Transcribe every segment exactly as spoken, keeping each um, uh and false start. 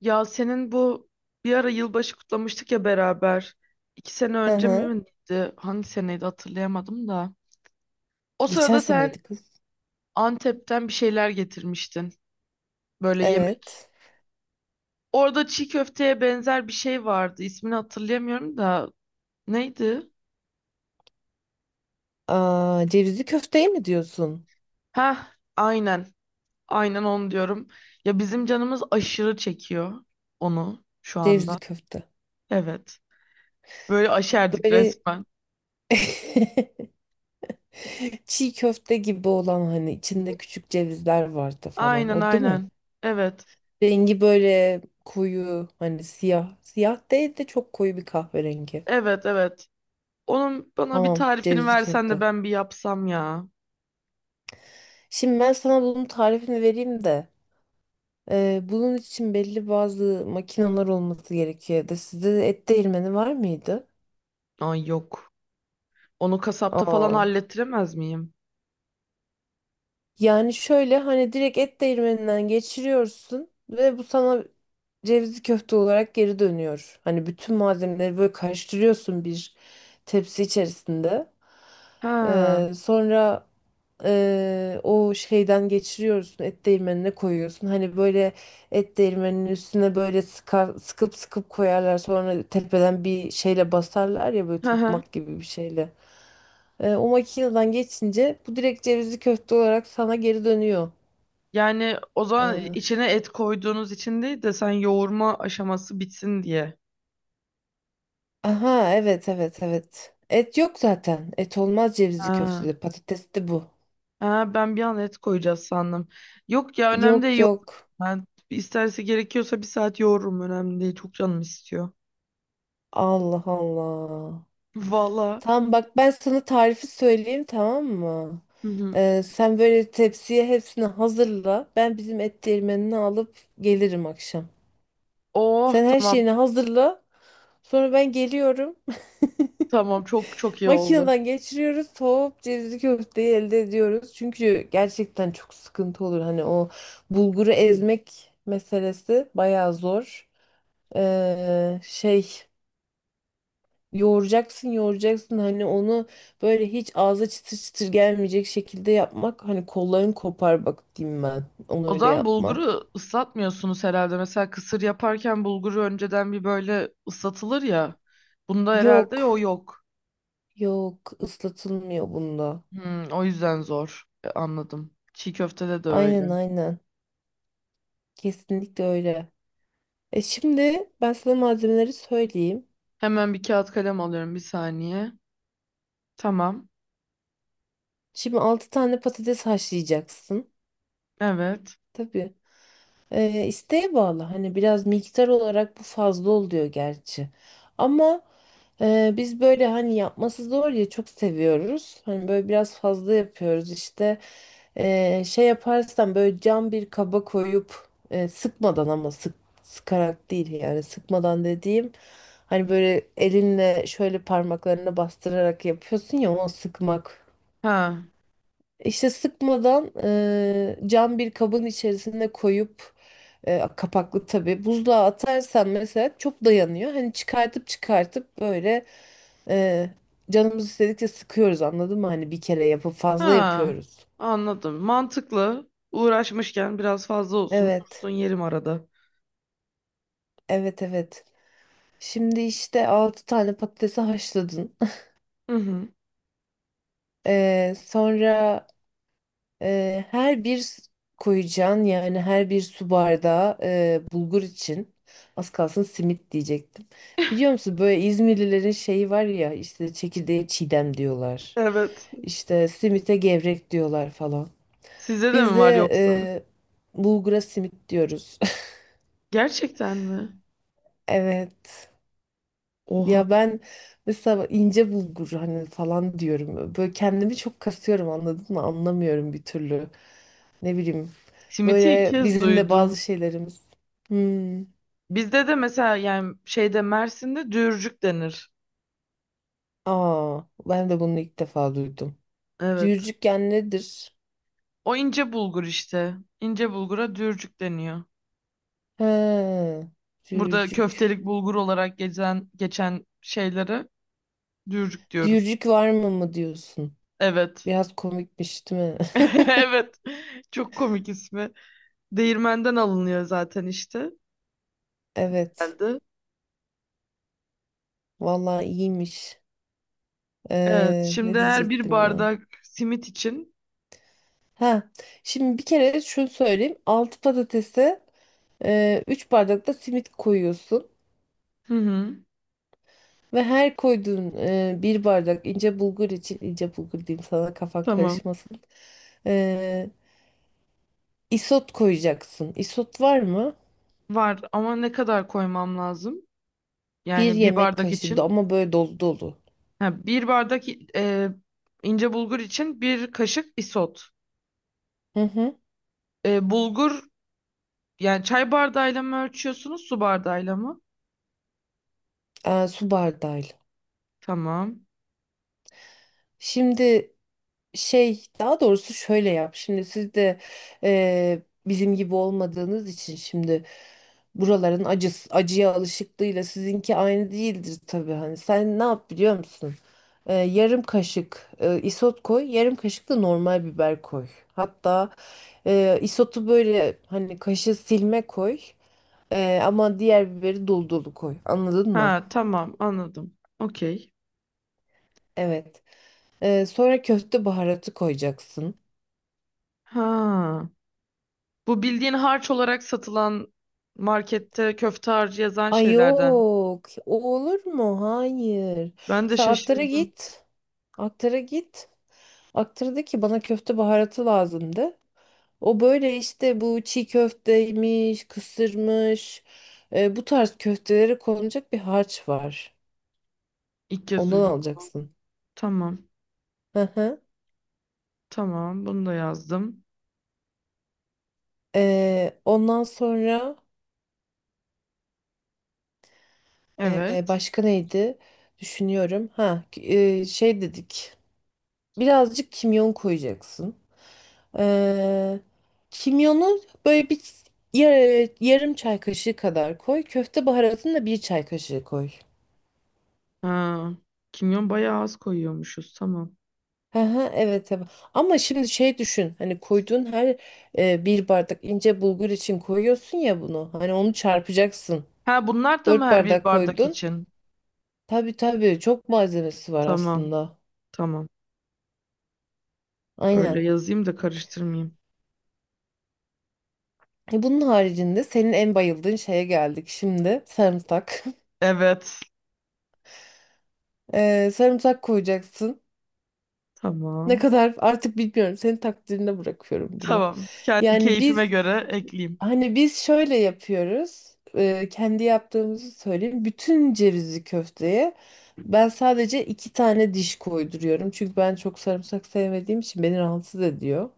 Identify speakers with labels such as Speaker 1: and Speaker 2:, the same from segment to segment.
Speaker 1: Ya senin bu bir ara yılbaşı kutlamıştık ya beraber. İki sene
Speaker 2: Hı
Speaker 1: önce mi
Speaker 2: hı.
Speaker 1: miydi? Hangi seneydi hatırlayamadım da. O
Speaker 2: Geçen
Speaker 1: sırada sen
Speaker 2: seneydi kız.
Speaker 1: Antep'ten bir şeyler getirmiştin. Böyle yemek.
Speaker 2: Evet.
Speaker 1: Orada çiğ köfteye benzer bir şey vardı. İsmini hatırlayamıyorum da. Neydi?
Speaker 2: Aa, cevizli köfteye mi diyorsun?
Speaker 1: Heh, aynen. Aynen onu diyorum. Ya bizim canımız aşırı çekiyor onu şu
Speaker 2: Cevizli
Speaker 1: anda.
Speaker 2: köfte.
Speaker 1: Evet. Böyle aşerdik
Speaker 2: Böyle
Speaker 1: resmen.
Speaker 2: çiğ köfte gibi olan hani içinde küçük cevizler vardı falan.
Speaker 1: Aynen
Speaker 2: O değil mi?
Speaker 1: aynen. Evet.
Speaker 2: Rengi böyle koyu hani siyah. Siyah değil de çok koyu bir kahverengi.
Speaker 1: Evet evet. Onun bana bir
Speaker 2: Tamam,
Speaker 1: tarifini
Speaker 2: cevizli
Speaker 1: versen de
Speaker 2: köfte.
Speaker 1: ben bir yapsam ya.
Speaker 2: Şimdi ben sana bunun tarifini vereyim de. e, bunun için belli bazı makineler olması gerekiyor evde. Sizde et değirmeni var mıydı?
Speaker 1: Ay yok. Onu kasapta falan
Speaker 2: Aa.
Speaker 1: hallettiremez miyim?
Speaker 2: Yani şöyle, hani direkt et değirmeninden geçiriyorsun ve bu sana cevizli köfte olarak geri dönüyor. Hani bütün malzemeleri böyle karıştırıyorsun bir tepsi içerisinde.
Speaker 1: Ha.
Speaker 2: Ee, sonra ee, o şeyden geçiriyorsun, et değirmenine koyuyorsun. Hani böyle et değirmeninin üstüne böyle sıkar, sıkıp sıkıp koyarlar. Sonra tepeden bir şeyle basarlar ya, böyle
Speaker 1: Hı hı.
Speaker 2: tokmak gibi bir şeyle. Ee, o makineden geçince bu direkt cevizli köfte olarak sana geri dönüyor.
Speaker 1: Yani o zaman içine et koyduğunuz için değil de sen yoğurma aşaması bitsin diye.
Speaker 2: Aha, evet, evet, evet. Et yok zaten. Et olmaz cevizli
Speaker 1: Ha.
Speaker 2: köftede. Patates de bu.
Speaker 1: Ha, ben bir an et koyacağız sandım. Yok ya önemli değil
Speaker 2: Yok,
Speaker 1: yoğur.
Speaker 2: yok.
Speaker 1: Ben isterse gerekiyorsa bir saat yoğururum önemli değil. Çok canım istiyor.
Speaker 2: Allah Allah.
Speaker 1: Valla.
Speaker 2: Tamam bak, ben sana tarifi söyleyeyim, tamam mı?
Speaker 1: Hı hı.
Speaker 2: Ee, sen böyle tepsiye hepsini hazırla. Ben bizim et değirmenini alıp gelirim akşam.
Speaker 1: Oh,
Speaker 2: Sen her
Speaker 1: tamam.
Speaker 2: şeyini hazırla. Sonra ben geliyorum.
Speaker 1: Tamam, çok çok iyi oldu.
Speaker 2: Makineden geçiriyoruz, soğup cevizli köfteyi elde ediyoruz. Çünkü gerçekten çok sıkıntı olur. Hani o bulguru ezmek meselesi bayağı zor. Ee, şey, yoğuracaksın, yoğuracaksın. Hani onu böyle hiç ağza çıtır çıtır gelmeyecek şekilde yapmak. Hani kolların kopar bak diyeyim ben. Onu
Speaker 1: O
Speaker 2: öyle
Speaker 1: zaman
Speaker 2: yapma.
Speaker 1: bulguru ıslatmıyorsunuz herhalde. Mesela kısır yaparken bulguru önceden bir böyle ıslatılır ya. Bunda herhalde
Speaker 2: Yok,
Speaker 1: o yok.
Speaker 2: yok, ıslatılmıyor bunda.
Speaker 1: Hmm, o yüzden zor. E, anladım. Çiğ köftede de öyle.
Speaker 2: Aynen, aynen. Kesinlikle öyle. E şimdi ben sana malzemeleri söyleyeyim.
Speaker 1: Hemen bir kağıt kalem alıyorum, bir saniye. Tamam.
Speaker 2: Şimdi altı tane patates haşlayacaksın.
Speaker 1: Evet.
Speaker 2: Tabii. Ee, isteğe bağlı. Hani biraz miktar olarak bu fazla oluyor gerçi. Ama e, biz böyle hani yapması zor ya çok seviyoruz. Hani böyle biraz fazla yapıyoruz işte. Ee, şey yaparsan böyle cam bir kaba koyup e, sıkmadan, ama sık sıkarak değil yani, sıkmadan dediğim hani böyle elinle şöyle parmaklarına bastırarak yapıyorsun ya, o sıkmak.
Speaker 1: Ha.
Speaker 2: İşte sıkmadan eee, cam bir kabın içerisine koyup eee, kapaklı tabii, buzluğa atarsan mesela çok dayanıyor. Hani çıkartıp çıkartıp böyle eee, canımız istedikçe sıkıyoruz, anladın mı? Hani bir kere yapıp fazla
Speaker 1: Ha.
Speaker 2: yapıyoruz.
Speaker 1: Anladım. Mantıklı. Uğraşmışken biraz fazla olsun.
Speaker 2: Evet,
Speaker 1: Dursun, yerim arada.
Speaker 2: evet, evet. Şimdi işte altı tane patatesi haşladın.
Speaker 1: Hı hı.
Speaker 2: Eee, sonra Eee, her bir s- koyacağın, yani her bir su bardağı eee, bulgur için, az kalsın simit diyecektim. Biliyor musun, böyle İzmirlilerin şeyi var ya, işte çekirdeğe çiğdem diyorlar.
Speaker 1: Evet.
Speaker 2: İşte simite gevrek diyorlar falan.
Speaker 1: Sizde de
Speaker 2: Biz
Speaker 1: mi var
Speaker 2: de
Speaker 1: yoksa?
Speaker 2: eee, bulgura simit diyoruz.
Speaker 1: Gerçekten mi?
Speaker 2: Evet.
Speaker 1: Oha.
Speaker 2: Ya ben mesela ince bulgur hani falan diyorum. Böyle kendimi çok kasıyorum, anladın mı? Anlamıyorum bir türlü. Ne bileyim.
Speaker 1: Simit'i ilk
Speaker 2: Böyle
Speaker 1: kez
Speaker 2: bizim de
Speaker 1: duydum.
Speaker 2: bazı şeylerimiz. Hmm.
Speaker 1: Bizde de mesela yani şeyde Mersin'de dürcük denir.
Speaker 2: Aa, ben de bunu ilk defa duydum.
Speaker 1: Evet.
Speaker 2: Düğürcükken nedir?
Speaker 1: O ince bulgur işte. İnce bulgura dürcük deniyor.
Speaker 2: He,
Speaker 1: Burada
Speaker 2: düğürcük.
Speaker 1: köftelik bulgur olarak geçen geçen şeylere dürcük diyoruz.
Speaker 2: Düğürcük var mı mı diyorsun?
Speaker 1: Evet.
Speaker 2: Biraz komikmiş değil mi?
Speaker 1: Evet. Çok komik ismi. Değirmenden alınıyor zaten işte.
Speaker 2: Evet.
Speaker 1: Geldi.
Speaker 2: Vallahi iyiymiş.
Speaker 1: Evet.
Speaker 2: Ee,
Speaker 1: Şimdi
Speaker 2: ne
Speaker 1: her bir
Speaker 2: diyecektim ya?
Speaker 1: bardak simit için.
Speaker 2: Ha, şimdi bir kere şunu söyleyeyim. altı patatese e, üç bardak da simit koyuyorsun.
Speaker 1: Hı hı.
Speaker 2: Ve her koyduğun e, bir bardak ince bulgur için, ince bulgur diyeyim sana kafan
Speaker 1: Tamam.
Speaker 2: karışmasın. E, isot koyacaksın. Isot var mı?
Speaker 1: Var ama ne kadar koymam lazım?
Speaker 2: Bir
Speaker 1: Yani bir
Speaker 2: yemek
Speaker 1: bardak
Speaker 2: kaşığı da-
Speaker 1: için.
Speaker 2: ama böyle dolu dolu.
Speaker 1: Ha, bir bardak i- e, ince bulgur için bir kaşık isot.
Speaker 2: Hı hı.
Speaker 1: E, bulgur yani çay bardağıyla mı ölçüyorsunuz, su bardağıyla mı?
Speaker 2: E, su bardağıyla.
Speaker 1: Tamam.
Speaker 2: Şimdi, Şey daha doğrusu şöyle yap. Şimdi siz de eee, bizim gibi olmadığınız için şimdi buraların acısı, acıya alışıklığıyla sizinki aynı değildir tabii. Hani sen ne yap biliyor musun? Eee, yarım kaşık eee, isot koy, yarım kaşık da normal biber koy. Hatta eee, isotu böyle hani kaşığı silme koy. Eee, ama diğer biberi dolu dolu koy, anladın mı?
Speaker 1: Ha, tamam, anladım. Okey.
Speaker 2: Evet. Eee, sonra köfte baharatı koyacaksın.
Speaker 1: Ha, bu bildiğin harç olarak satılan markette köfte harcı yazan
Speaker 2: Ay,
Speaker 1: şeylerden.
Speaker 2: yok. O olur mu? Hayır.
Speaker 1: Ben de
Speaker 2: Sen aktara
Speaker 1: şaşırdım.
Speaker 2: git. Aktara git. Aktara de ki, bana köfte baharatı lazımdı. O böyle işte, bu çiğ köfteymiş, kısırmış, e, bu tarz köftelere konulacak bir harç var.
Speaker 1: İlk kez
Speaker 2: Ondan
Speaker 1: duydum bunu.
Speaker 2: alacaksın.
Speaker 1: Tamam.
Speaker 2: Hı hı.
Speaker 1: Tamam, bunu da yazdım.
Speaker 2: E, ondan sonra, e,
Speaker 1: Evet.
Speaker 2: başka neydi? Düşünüyorum. Ha, e, şey dedik. Birazcık kimyon koyacaksın. Ee, kimyonu böyle bir yar- yarım çay kaşığı kadar koy. Köfte baharatını da bir çay kaşığı koy.
Speaker 1: Ha, kimyon bayağı az koyuyormuşuz, tamam.
Speaker 2: Hı hı, evet, evet. Ama şimdi şey düşün. Hani koyduğun her e, bir bardak ince bulgur için koyuyorsun ya bunu. Hani onu çarpacaksın.
Speaker 1: Ha, bunlar da mı
Speaker 2: Dört
Speaker 1: her bir
Speaker 2: bardak
Speaker 1: bardak
Speaker 2: koydun.
Speaker 1: için?
Speaker 2: Tabii, tabii, çok malzemesi var
Speaker 1: Tamam.
Speaker 2: aslında.
Speaker 1: Tamam. Öyle
Speaker 2: Aynen.
Speaker 1: yazayım da karıştırmayayım.
Speaker 2: E, Bunun haricinde, senin en bayıldığın şeye geldik şimdi. Sarımsak.
Speaker 1: Evet.
Speaker 2: Ee, sarımsak koyacaksın. Ne
Speaker 1: Tamam.
Speaker 2: kadar, artık bilmiyorum. Senin takdirine bırakıyorum bunu.
Speaker 1: Tamam. Kendi
Speaker 2: Yani
Speaker 1: keyfime
Speaker 2: biz,
Speaker 1: göre ekleyeyim.
Speaker 2: hani biz şöyle yapıyoruz. E, kendi yaptığımızı söyleyeyim. Bütün cevizli köfteye ben sadece iki tane diş koyduruyorum. Çünkü ben çok sarımsak sevmediğim için beni rahatsız ediyor.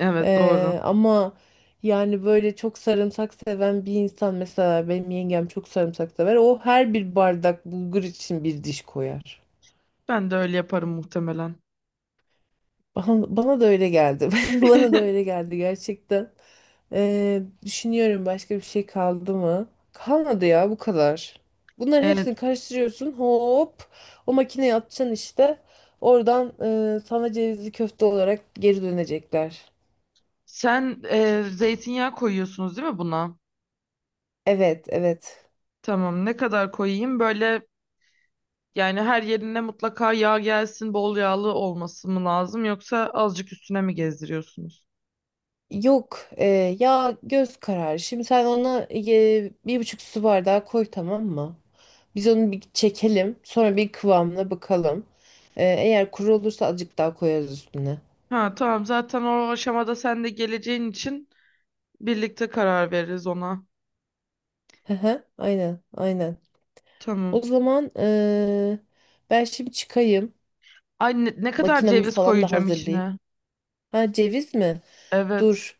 Speaker 1: Evet, doğru.
Speaker 2: E, ama yani böyle çok sarımsak seven bir insan, mesela benim yengem çok sarımsak sever. O her bir bardak bulgur için bir diş koyar.
Speaker 1: Ben de öyle yaparım muhtemelen.
Speaker 2: Bana, bana da öyle geldi. Bana da öyle geldi gerçekten. Ee, düşünüyorum başka bir şey kaldı mı? Kalmadı ya, bu kadar. Bunların
Speaker 1: Ee,
Speaker 2: hepsini karıştırıyorsun. Hop, o makineye atacaksın işte. Oradan e, sana cevizli köfte olarak geri dönecekler.
Speaker 1: Sen e, zeytinyağı koyuyorsunuz değil mi buna?
Speaker 2: Evet, evet.
Speaker 1: Tamam. Ne kadar koyayım? Böyle yani her yerine mutlaka yağ gelsin, bol yağlı olması mı lazım yoksa azıcık üstüne mi gezdiriyorsunuz?
Speaker 2: Yok e, ya göz kararı. Şimdi sen ona e, bir buçuk su bardağı koy, tamam mı? Biz onu bir çekelim. Sonra bir kıvamına bakalım. Ee, eğer kuru olursa azıcık daha koyarız üstüne.
Speaker 1: Ha, tamam. Zaten o aşamada sen de geleceğin için birlikte karar veririz ona.
Speaker 2: Hı hı, aynen, aynen. O
Speaker 1: Tamam.
Speaker 2: zaman ee, ben şimdi çıkayım.
Speaker 1: Ay, ne, ne kadar
Speaker 2: Makinamı
Speaker 1: ceviz
Speaker 2: falan da
Speaker 1: koyacağım
Speaker 2: hazırlayayım.
Speaker 1: içine?
Speaker 2: Ha, ceviz mi?
Speaker 1: Evet.
Speaker 2: Dur.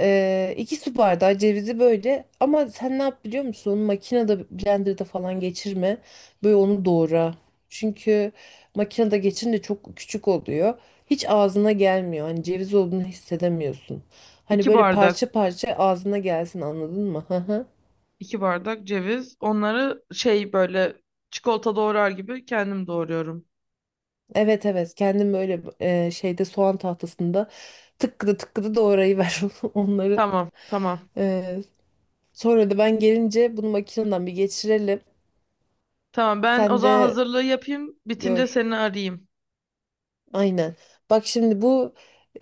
Speaker 2: Ee, iki su bardağı cevizi böyle, ama sen ne yap biliyor musun? Onu makinede, blenderda falan geçirme. Böyle onu doğra. Çünkü makinede geçirince çok küçük oluyor. Hiç ağzına gelmiyor. Hani ceviz olduğunu hissedemiyorsun. Hani
Speaker 1: İki
Speaker 2: böyle
Speaker 1: bardak.
Speaker 2: parça parça ağzına gelsin, anladın mı? Hı hı.
Speaker 1: iki bardak ceviz. Onları şey böyle çikolata doğrar gibi kendim doğruyorum.
Speaker 2: Evet, evet, kendim böyle e, şeyde, soğan tahtasında tıkkıda tıkkıda doğrayıver onları.
Speaker 1: Tamam, tamam.
Speaker 2: Ee, sonra da ben gelince bunu makineden bir geçirelim.
Speaker 1: Tamam, ben o
Speaker 2: Sen
Speaker 1: zaman
Speaker 2: de
Speaker 1: hazırlığı yapayım. Bitince
Speaker 2: gör.
Speaker 1: seni arayayım.
Speaker 2: Aynen. Bak şimdi bu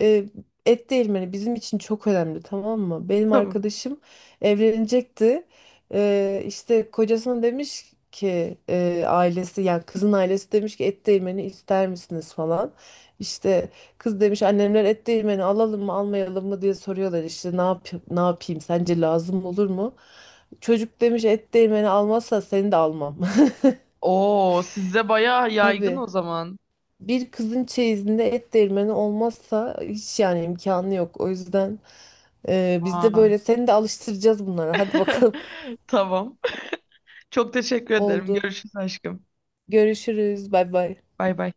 Speaker 2: e, et değirmeni bizim için çok önemli, tamam mı? Benim
Speaker 1: Tamam.
Speaker 2: arkadaşım evlenecekti. E, işte kocasına demiş ki, e, ailesi yani kızın ailesi demiş ki, et değirmeni ister misiniz falan. İşte kız demiş, annemler et değirmeni alalım mı almayalım mı diye soruyorlar, işte ne yap, ne yapayım, sence lazım olur mu? Çocuk demiş, et değirmeni almazsa seni de almam.
Speaker 1: Oo, sizde bayağı yaygın
Speaker 2: Tabii.
Speaker 1: o zaman.
Speaker 2: Bir kızın çeyizinde et değirmeni olmazsa hiç, yani imkanı yok. O yüzden e, biz de
Speaker 1: Vay.
Speaker 2: böyle seni de alıştıracağız bunlara. Hadi bakalım.
Speaker 1: Tamam. Çok teşekkür ederim.
Speaker 2: Oldu.
Speaker 1: Görüşürüz aşkım.
Speaker 2: Görüşürüz. Bay bay.
Speaker 1: Bay bay.